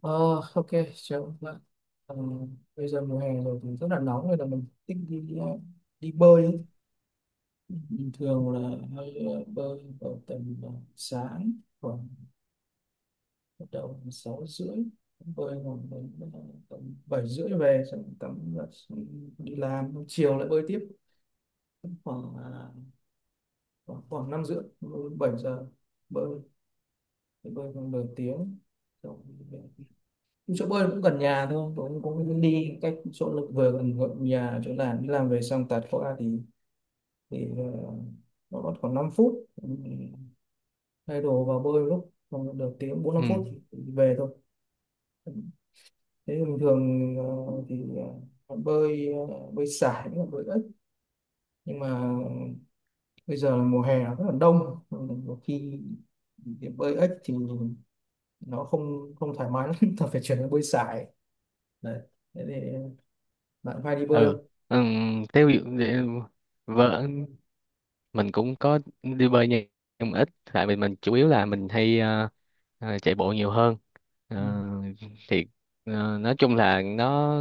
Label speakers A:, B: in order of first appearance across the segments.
A: Ờ, ok, chào vâng. Ờ, Bây giờ mùa hè rồi thì rất là nóng nên là mình thích đi bơi ấy. Bình thường là hay bơi vào tầm sáng, khoảng bắt đầu từ 6:30 bơi khoảng đến tầm 7:30 về, xong tắm giặt, xong đi làm, xong chiều lại bơi tiếp khoảng à, khoảng khoảng 5:30 bơi 7 giờ, bơi bơi khoảng nửa tiếng xong. Chỗ bơi cũng gần nhà thôi, tôi cũng cũng đi cách chỗ lực vừa gần, gần nhà, chỗ làm đi làm về xong tạt qua thì nó còn khoảng 5 phút. Ừ, thay đồ vào bơi lúc còn được tiếng bốn năm
B: ừ
A: phút thì về thôi. Thế thì bình thường, ờ, thì ờ, bơi sải với cả bơi ếch, nhưng mà bây giờ là mùa hè nó rất là đông. Đôi khi thì bơi ếch thì nó không không thoải mái lắm ta phải chuyển sang bơi sải đấy. Thế thì bạn hay đi bơi
B: ừ,
A: không?
B: ừ. theo dụ- để- Vợ mình cũng có đi bơi nhưng mà ít, tại vì mình chủ yếu là mình hay chạy bộ nhiều hơn. Ờ, thì nói chung là nó,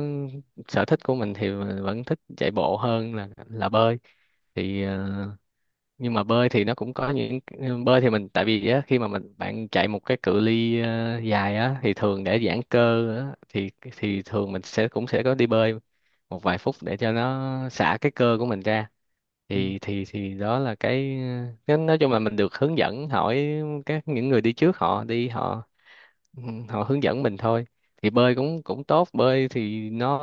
B: sở thích của mình thì vẫn thích chạy bộ hơn là bơi. thì ờ, nhưng mà bơi thì nó cũng có những, bơi thì mình tại vì á, khi mà mình bạn chạy một cái cự ly dài á thì thường để giãn cơ á, thì thường mình sẽ cũng sẽ có đi bơi một vài phút để cho nó xả cái cơ của mình ra.
A: Ừ.
B: Thì đó là cái, nói chung là mình được hướng dẫn hỏi các những người đi trước họ đi họ, ừ, họ hướng dẫn mình thôi. Thì bơi cũng cũng tốt, bơi thì nó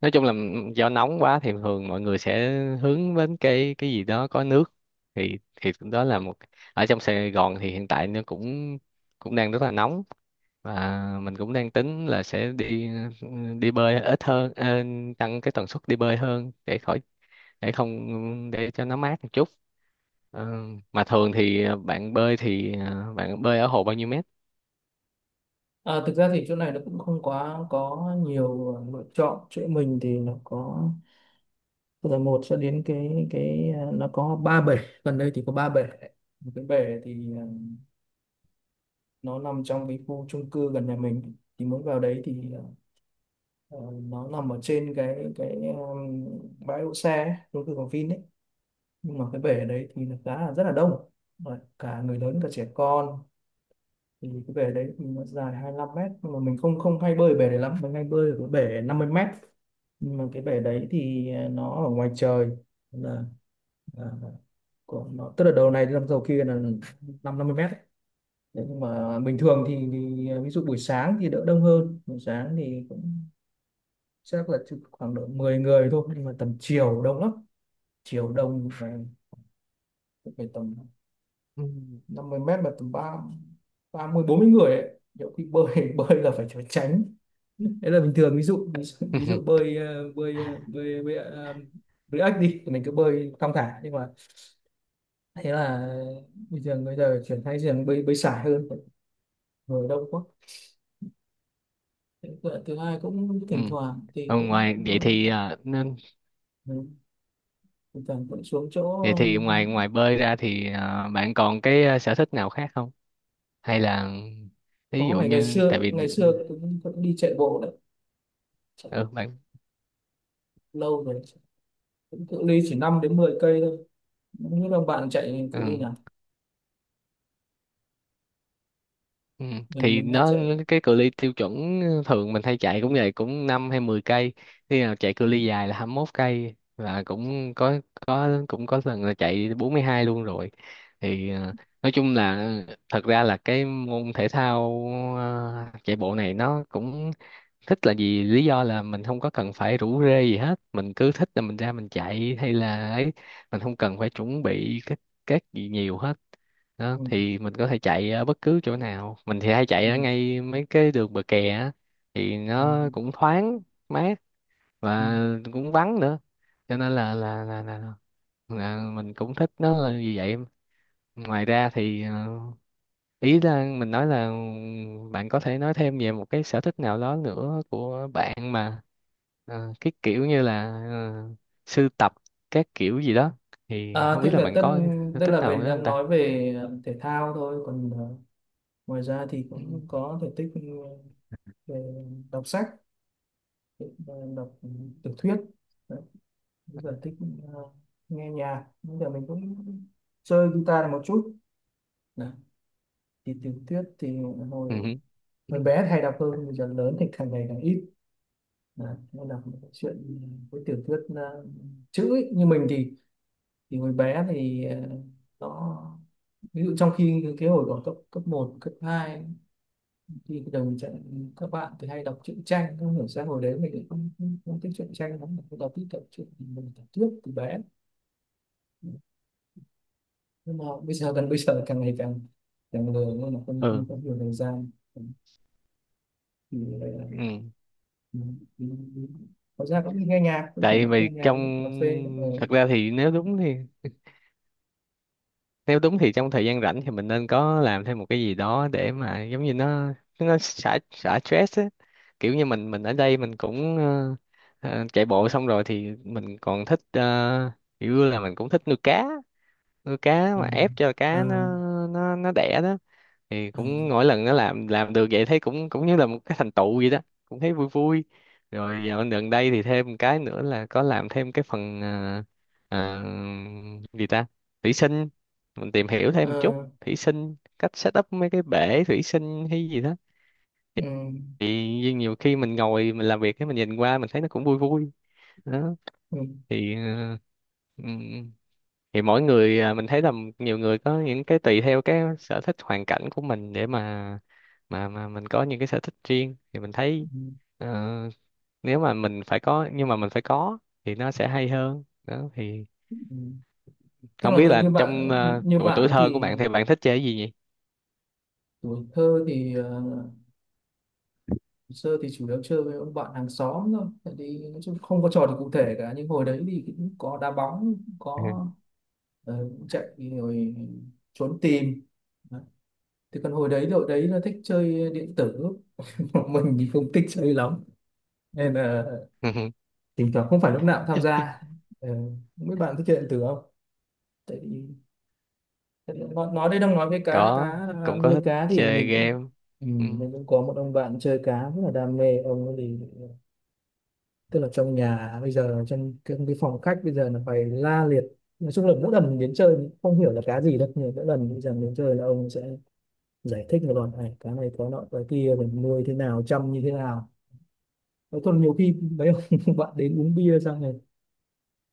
B: nói chung là do nóng quá thì thường mọi người sẽ hướng đến cái gì đó có nước. Thì đó là một, ở trong Sài Gòn thì hiện tại nó cũng cũng đang rất là nóng, và mình cũng đang tính là sẽ đi, đi bơi ít hơn, tăng cái tần suất đi bơi hơn để khỏi, để không, để cho nó mát một chút. Ờ, mà thường thì bạn bơi thì bạn bơi ở hồ bao nhiêu mét?
A: À, thực ra thì chỗ này nó cũng không quá có nhiều lựa chọn. Chỗ mình thì nó có từ là một cho đến nó có ba bể, gần đây thì có ba bể. Một cái bể thì nó nằm trong cái khu chung cư gần nhà mình, thì muốn vào đấy thì ờ, nó nằm ở trên bãi đỗ xe ấy, chung cư của Vin ấy. Nhưng mà cái bể ở đấy thì nó khá là rất là đông. Đấy, cả người lớn cả trẻ con. Thì cái bể đấy thì nó dài 25 m, nhưng mà mình không không hay bơi ở bể đấy lắm, mình hay bơi ở cái bể 50 m. Nhưng mà cái bể đấy thì nó ở ngoài trời, là, là của nó, tức là đầu này năm đầu kia là năm năm mươi mét đấy. Thế nhưng mà bình thường thì ví dụ buổi sáng thì đỡ đông hơn, buổi sáng thì cũng chắc là chỉ khoảng độ 10 người thôi, nhưng mà tầm chiều đông lắm. Chiều đông phải tầm
B: Ừ.
A: 50 m mà tầm ba ba mươi bốn mươi người ấy, nhiều khi bơi bơi là phải trốn tránh. Đấy là bình thường, ví dụ bơi ếch đi thì mình cứ bơi thong thả, nhưng mà thế là bây giờ chuyển sang giường bơi bơi sải hơn, ngồi đông quá. Thế thứ thứ hai cũng
B: Ừ.
A: thỉnh thoảng thì
B: Ờ,
A: cũng
B: ngoài vậy thì à, nên
A: ừ, thỉnh thoảng cũng xuống chỗ.
B: Vậy
A: ờ,
B: thì ngoài ngoài bơi ra thì à, bạn còn cái à, sở thích nào khác không? Hay là ví
A: có
B: dụ
A: ngày, ngày
B: như,
A: xưa
B: tại vì,
A: ngày xưa cũng đi chạy bộ đấy. Chạy
B: ừ, bạn,
A: lâu rồi, cũng cự ly chỉ 5 đến 10 cây thôi. Những đồng bạn chạy cự ly
B: ừ,
A: nào,
B: ừ,
A: mình
B: thì
A: mình hay
B: nó
A: chạy.
B: cái cự ly tiêu chuẩn thường mình hay chạy cũng vậy, cũng 5 hay 10 cây. Khi nào chạy cự
A: Ừ.
B: ly dài là 21 cây, và cũng có cũng có lần là chạy 42 luôn rồi. Thì à, nói chung là thật ra là cái môn thể thao à, chạy bộ này nó cũng thích là gì, lý do là mình không có cần phải rủ rê gì hết, mình cứ thích là mình ra mình chạy hay là ấy, mình không cần phải chuẩn bị các gì nhiều hết đó.
A: Ừ.
B: Thì mình có thể chạy ở bất cứ chỗ nào, mình thì hay chạy ở
A: Ừ.
B: ngay mấy cái đường bờ kè á, thì
A: Ừ.
B: nó cũng thoáng mát,
A: Ừ.
B: và cũng vắng nữa, cho nên là mình cũng thích nó là như vậy. Ngoài ra thì ý là mình nói là bạn có thể nói thêm về một cái sở thích nào đó nữa của bạn, mà cái kiểu như là sưu tập các kiểu gì đó. Thì
A: à,
B: không
A: tức
B: biết là
A: là
B: bạn
A: tất
B: có sở
A: tức
B: thích
A: là
B: nào
A: mình
B: nữa không
A: đang
B: ta.
A: nói về thể thao thôi, còn ngoài ra thì
B: Ừ.
A: cũng có thể tích về đọc sách, về đọc tiểu thuyết. Đấy, bây giờ thích ờ, nghe nhạc, bây giờ mình cũng chơi guitar này một chút. Đấy, thì tiểu thuyết thì hồi
B: Ừ.
A: hồi bé thì hay đọc hơn, bây giờ lớn thì càng ngày càng ít. Đấy, nên đọc một cái chuyện với tiểu thuyết chữ ấy. Như mình thì hồi bé thì nó ví dụ, trong khi cái hồi đó cấp cấp một, cấp 2 thì bây giờ mình sẽ, các bạn thì hay đọc truyện tranh, không hiểu sao hồi đấy mình cũng không thích truyện tranh lắm, mình đọc thích đọc truyện, mình đọc trước từ bé. Nhưng mà bây giờ càng ngày càng càng lười nên là không
B: Ừ.
A: không có nhiều thời gian, thì lại là
B: Ừ.
A: mình- mình- mình- có ra cũng đi nghe nhạc, cũng chẳng
B: Tại
A: nghe
B: vì
A: nhạc,
B: trong,
A: nghe cà phê
B: thật ra thì nếu đúng thì, nếu đúng thì trong thời gian rảnh thì mình nên có làm thêm một cái gì đó để mà giống như nó xả xả stress á. Kiểu như mình ở đây mình cũng chạy bộ xong rồi thì mình còn thích kiểu là mình cũng thích nuôi cá. Nuôi cá
A: à,
B: mà ép cho
A: à,
B: cá nó, nó đẻ đó, thì
A: à,
B: cũng mỗi lần nó làm được vậy thấy cũng cũng như là một cái thành tựu vậy đó, cũng thấy vui vui. Rồi dạo gần đây thì thêm một cái nữa là có làm thêm cái phần à, à, gì ta, thủy sinh. Mình tìm hiểu thêm một chút
A: ờ,
B: thủy sinh, cách set up mấy cái bể thủy sinh hay gì đó.
A: ừ,
B: Thì nhiều khi mình ngồi mình làm việc cái mình nhìn qua mình thấy nó cũng vui vui đó.
A: ừ,
B: Thì uh, thì mỗi người à, mình thấy là nhiều người có những cái tùy theo cái sở thích hoàn cảnh của mình để mà mà mình có những cái sở thích riêng thì mình thấy
A: ừ,
B: ờ, nếu mà mình phải có, nhưng mà mình phải có thì nó sẽ hay hơn đó. Thì
A: ừ. Tức
B: không
A: là
B: biết
A: như
B: là
A: như
B: trong
A: bạn, như
B: tuổi
A: bạn
B: tuổi
A: ấy
B: thơ của
A: thì
B: bạn thì bạn thích chơi cái gì nhỉ?
A: tuổi thơ thì sơ thì chủ yếu chơi với ông bạn hàng xóm thôi, tại vì nói chung không có trò gì cụ thể cả, nhưng hồi đấy thì cũng có đá bóng, cũng có cũng chạy, rồi trốn tìm. Đấy. Thì còn hồi đấy đội đấy là thích chơi điện tử Còn mình thì không thích chơi lắm, nên là thỉnh thoảng không phải lúc nào cũng tham gia. Ờ, Mấy bạn thích chơi điện tử không? Tại vì tại vì nói đây đang nói với cá
B: Có,
A: cá
B: cũng có
A: nuôi
B: thích
A: cá thì
B: chơi
A: mình cũng.
B: game.
A: Ừ,
B: Ừ.
A: mình cũng có một ông bạn chơi cá rất là đam mê, ông ấy thì tức là trong nhà bây giờ, trong cái phòng khách bây giờ là phải la liệt. Nói chung là mỗi lần mình đến chơi mình không hiểu là cá gì đâu, nhưng mỗi lần bây giờ mình đến chơi là ông sẽ giải thích một đoạn, này cá này có nọ cái kia, mình nuôi thế nào, chăm như thế nào. Nói, còn nhiều khi mấy ông bạn đến uống bia xong rồi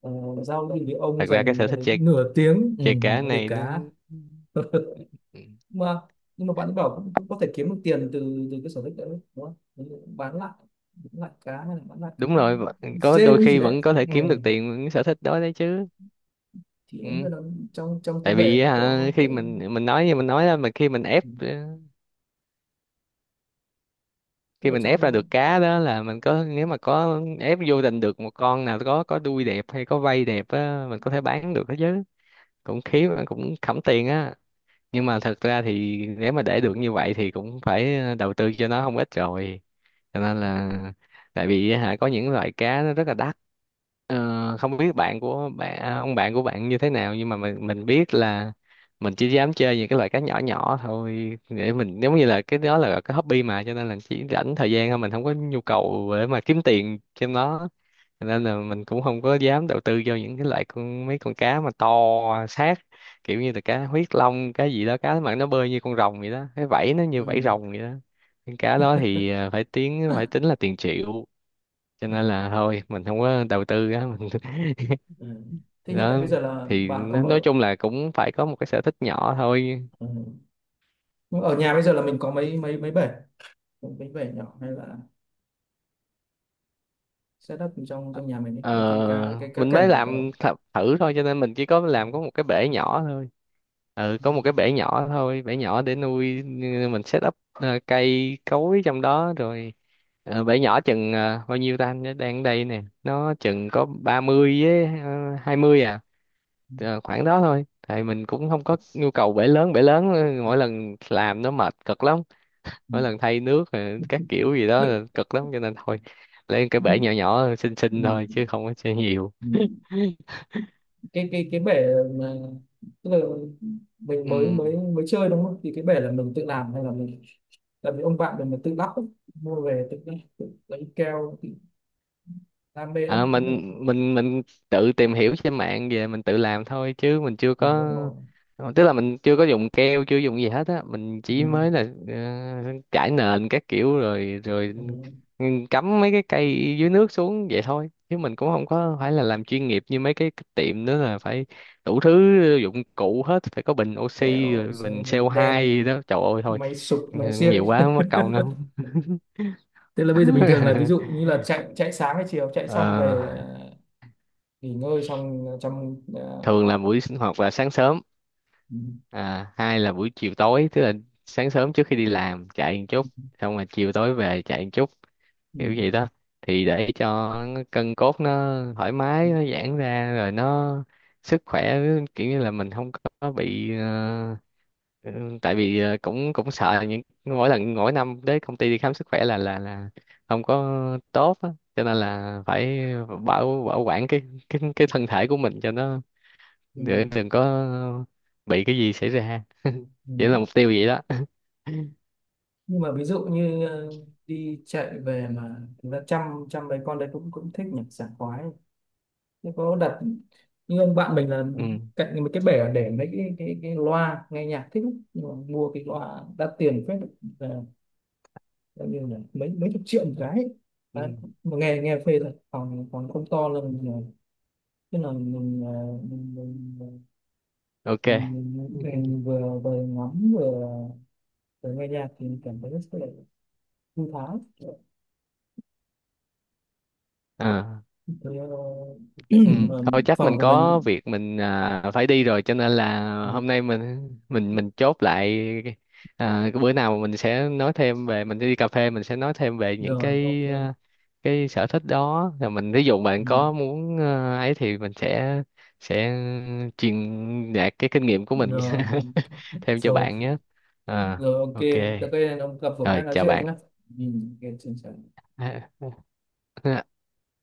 A: ờ, giao lưu thì ông
B: Thật ra cái
A: dành
B: sở thích
A: đến
B: chơi,
A: nửa tiếng, ừ,
B: chơi cá
A: nói về
B: này nó,
A: cá
B: ừ.
A: mà nhưng mà bạn ấy bảo cũng cũng có thể kiếm được tiền từ từ cái sở thích đấy, đúng không? Bán lại bán lại cá, hay là bán lại cái
B: Đúng rồi, có
A: rêu
B: đôi
A: cái gì
B: khi
A: đấy.
B: vẫn có thể
A: Ừ.
B: kiếm được tiền với cái sở thích đó đấy chứ.
A: Thì đúng là
B: Ừ.
A: nó trong trong cái
B: Tại
A: bể
B: vì
A: nó
B: hả,
A: có
B: khi
A: cái.
B: mình nói như mình nói đó, mà khi mình ép
A: Ừ, tức
B: khi
A: là
B: mình ép ra
A: trong.
B: được cá đó là mình có, nếu mà có ép vô tình được một con nào có đuôi đẹp hay có vây đẹp á, mình có thể bán được đó chứ, cũng khí cũng khẩm tiền á. Nhưng mà thật ra thì nếu mà để được như vậy thì cũng phải đầu tư cho nó không ít rồi, cho nên là, tại vì hả có những loại cá nó rất là đắt. Ờ, không biết bạn của bạn, ông bạn của bạn như thế nào, nhưng mà mình biết là mình chỉ dám chơi những cái loại cá nhỏ nhỏ thôi, để mình giống như là cái đó là cái hobby mà, cho nên là chỉ rảnh thời gian thôi, mình không có nhu cầu để mà kiếm tiền trên nó. Nên là mình cũng không có dám đầu tư vô những cái loại con, mấy con cá mà to sát, kiểu như là cá huyết long, cá gì đó, cá mà nó bơi như con rồng vậy đó, cái vảy nó như
A: Ừ.
B: vảy rồng vậy đó. Những cá đó thì à, phải tiếng phải tính là tiền triệu, cho
A: À,
B: nên là thôi mình không có đầu tư á. Mình
A: ừ. Thế hiện tại
B: đó
A: bây giờ là
B: thì
A: bạn còn ở.
B: nói chung là cũng phải có một cái sở thích nhỏ thôi.
A: Ừ. Nhưng ở nhà bây giờ là mình có mấy mấy mấy bể, mấy bể nhỏ hay là setup trong trong nhà mình ấy, cái cái cá
B: Ờ,
A: cái cá
B: mình mới
A: cảnh của
B: làm
A: cậu.
B: thử thôi, cho nên mình chỉ có làm có một cái bể nhỏ thôi, ừ,
A: Ừ.
B: có một cái bể nhỏ thôi, bể nhỏ để nuôi. Mình set up cây cối trong đó rồi. Ờ, bể nhỏ chừng bao nhiêu ta, anh nhớ đang ở đây nè, nó chừng có 30 với 20 à. Ờ, khoảng đó thôi, tại mình cũng không có nhu cầu bể lớn, bể lớn mỗi lần làm nó mệt cực lắm,
A: Ừ.
B: mỗi lần thay nước rồi các kiểu gì đó là cực lắm, cho nên thôi lấy cái
A: Ừ.
B: bể nhỏ nhỏ xinh xinh
A: Ừ.
B: thôi chứ không có chơi nhiều.
A: Ừ. Cái bể mà, tức là mình
B: Ừ.
A: mới mới mới chơi đúng không, thì cái bể là mình tự làm hay là mình là vì ông bạn mình là tự lắp ấy. Mua về tự tự lấy keo, tự đam mê
B: Ờ,
A: lắm không được.
B: mình tự tìm hiểu trên mạng về, mình tự làm thôi chứ mình chưa
A: Mình
B: có,
A: muốn
B: tức là mình chưa có dùng keo, chưa dùng gì hết á, mình chỉ mới là trải nền các kiểu rồi,
A: con
B: cắm mấy cái cây dưới nước xuống vậy thôi, chứ mình cũng không có phải là làm chuyên nghiệp như mấy cái tiệm nữa là phải đủ thứ dụng cụ hết, phải có bình oxy
A: kẹo
B: rồi
A: rồi
B: bình CO2
A: đèn,
B: gì đó, trời ơi thôi
A: máy sụp máy xiếc
B: nhiều quá mất công lắm.
A: tức là bây giờ bình thường là ví dụ như là chạy chạy sáng hay chiều, chạy xong
B: Ờ,
A: về nghỉ ngơi xong trong
B: thường là buổi sinh hoạt là sáng sớm
A: ừ,
B: à, hai là buổi chiều tối, tức là sáng sớm trước khi đi làm chạy một chút, xong rồi chiều tối về chạy một chút,
A: ừ,
B: kiểu gì đó. Thì để cho cân cốt nó thoải mái, nó giãn ra, rồi nó sức khỏe, kiểu như là mình không có bị ừ, tại vì cũng cũng sợ những, mỗi lần mỗi năm đến công ty đi khám sức khỏe là không có tốt á, cho nên là phải bảo bảo quản cái cái thân thể của mình cho nó,
A: ừ,
B: để đừng có bị cái gì xảy ra.
A: ừ.
B: Chỉ là mục tiêu vậy đó.
A: Nhưng mà ví dụ như đi chạy về mà chúng ta chăm chăm mấy con đấy, cũng cũng thích nhỉ, sảng khoái. Thế có đặt như ông bạn mình là
B: Ừ.
A: cạnh một cái bể, để mấy cái loa nghe nhạc thích lắm. Nhưng mà mua cái loa đắt tiền phết, là coi như là mấy mấy chục triệu một cái ấy.
B: Ừ.
A: Đấy. Mà nghe nghe phê thật. Phòng phòng không to, là mình tức là mình mình mình, mình,
B: Ok.
A: mình vừa vừa ngắm, vừa nghe nhạc thì mình cảm thấy rất là thư thái.
B: À.
A: Thế. Ờ,
B: Ừ,
A: ờ,
B: thôi chắc
A: phòng
B: mình
A: của
B: có
A: mình.
B: việc mình à, phải đi rồi, cho nên là
A: Ừ,
B: hôm nay mình chốt lại à, cái bữa nào mình sẽ nói thêm về, mình đi cà phê mình sẽ nói thêm về những
A: rồi, ok.
B: cái à, cái sở thích đó rồi mình, ví dụ bạn
A: Ừ,
B: có muốn à, ấy thì mình sẽ truyền đạt cái kinh nghiệm của mình
A: rồi
B: thêm cho
A: rồi.
B: bạn nhé. À,
A: Rồi, ok,
B: ok.
A: tới đây ông gặp phường khác
B: Rồi,
A: nói
B: chào
A: chuyện
B: bạn.
A: nhé. Ừ, ok, xin chào.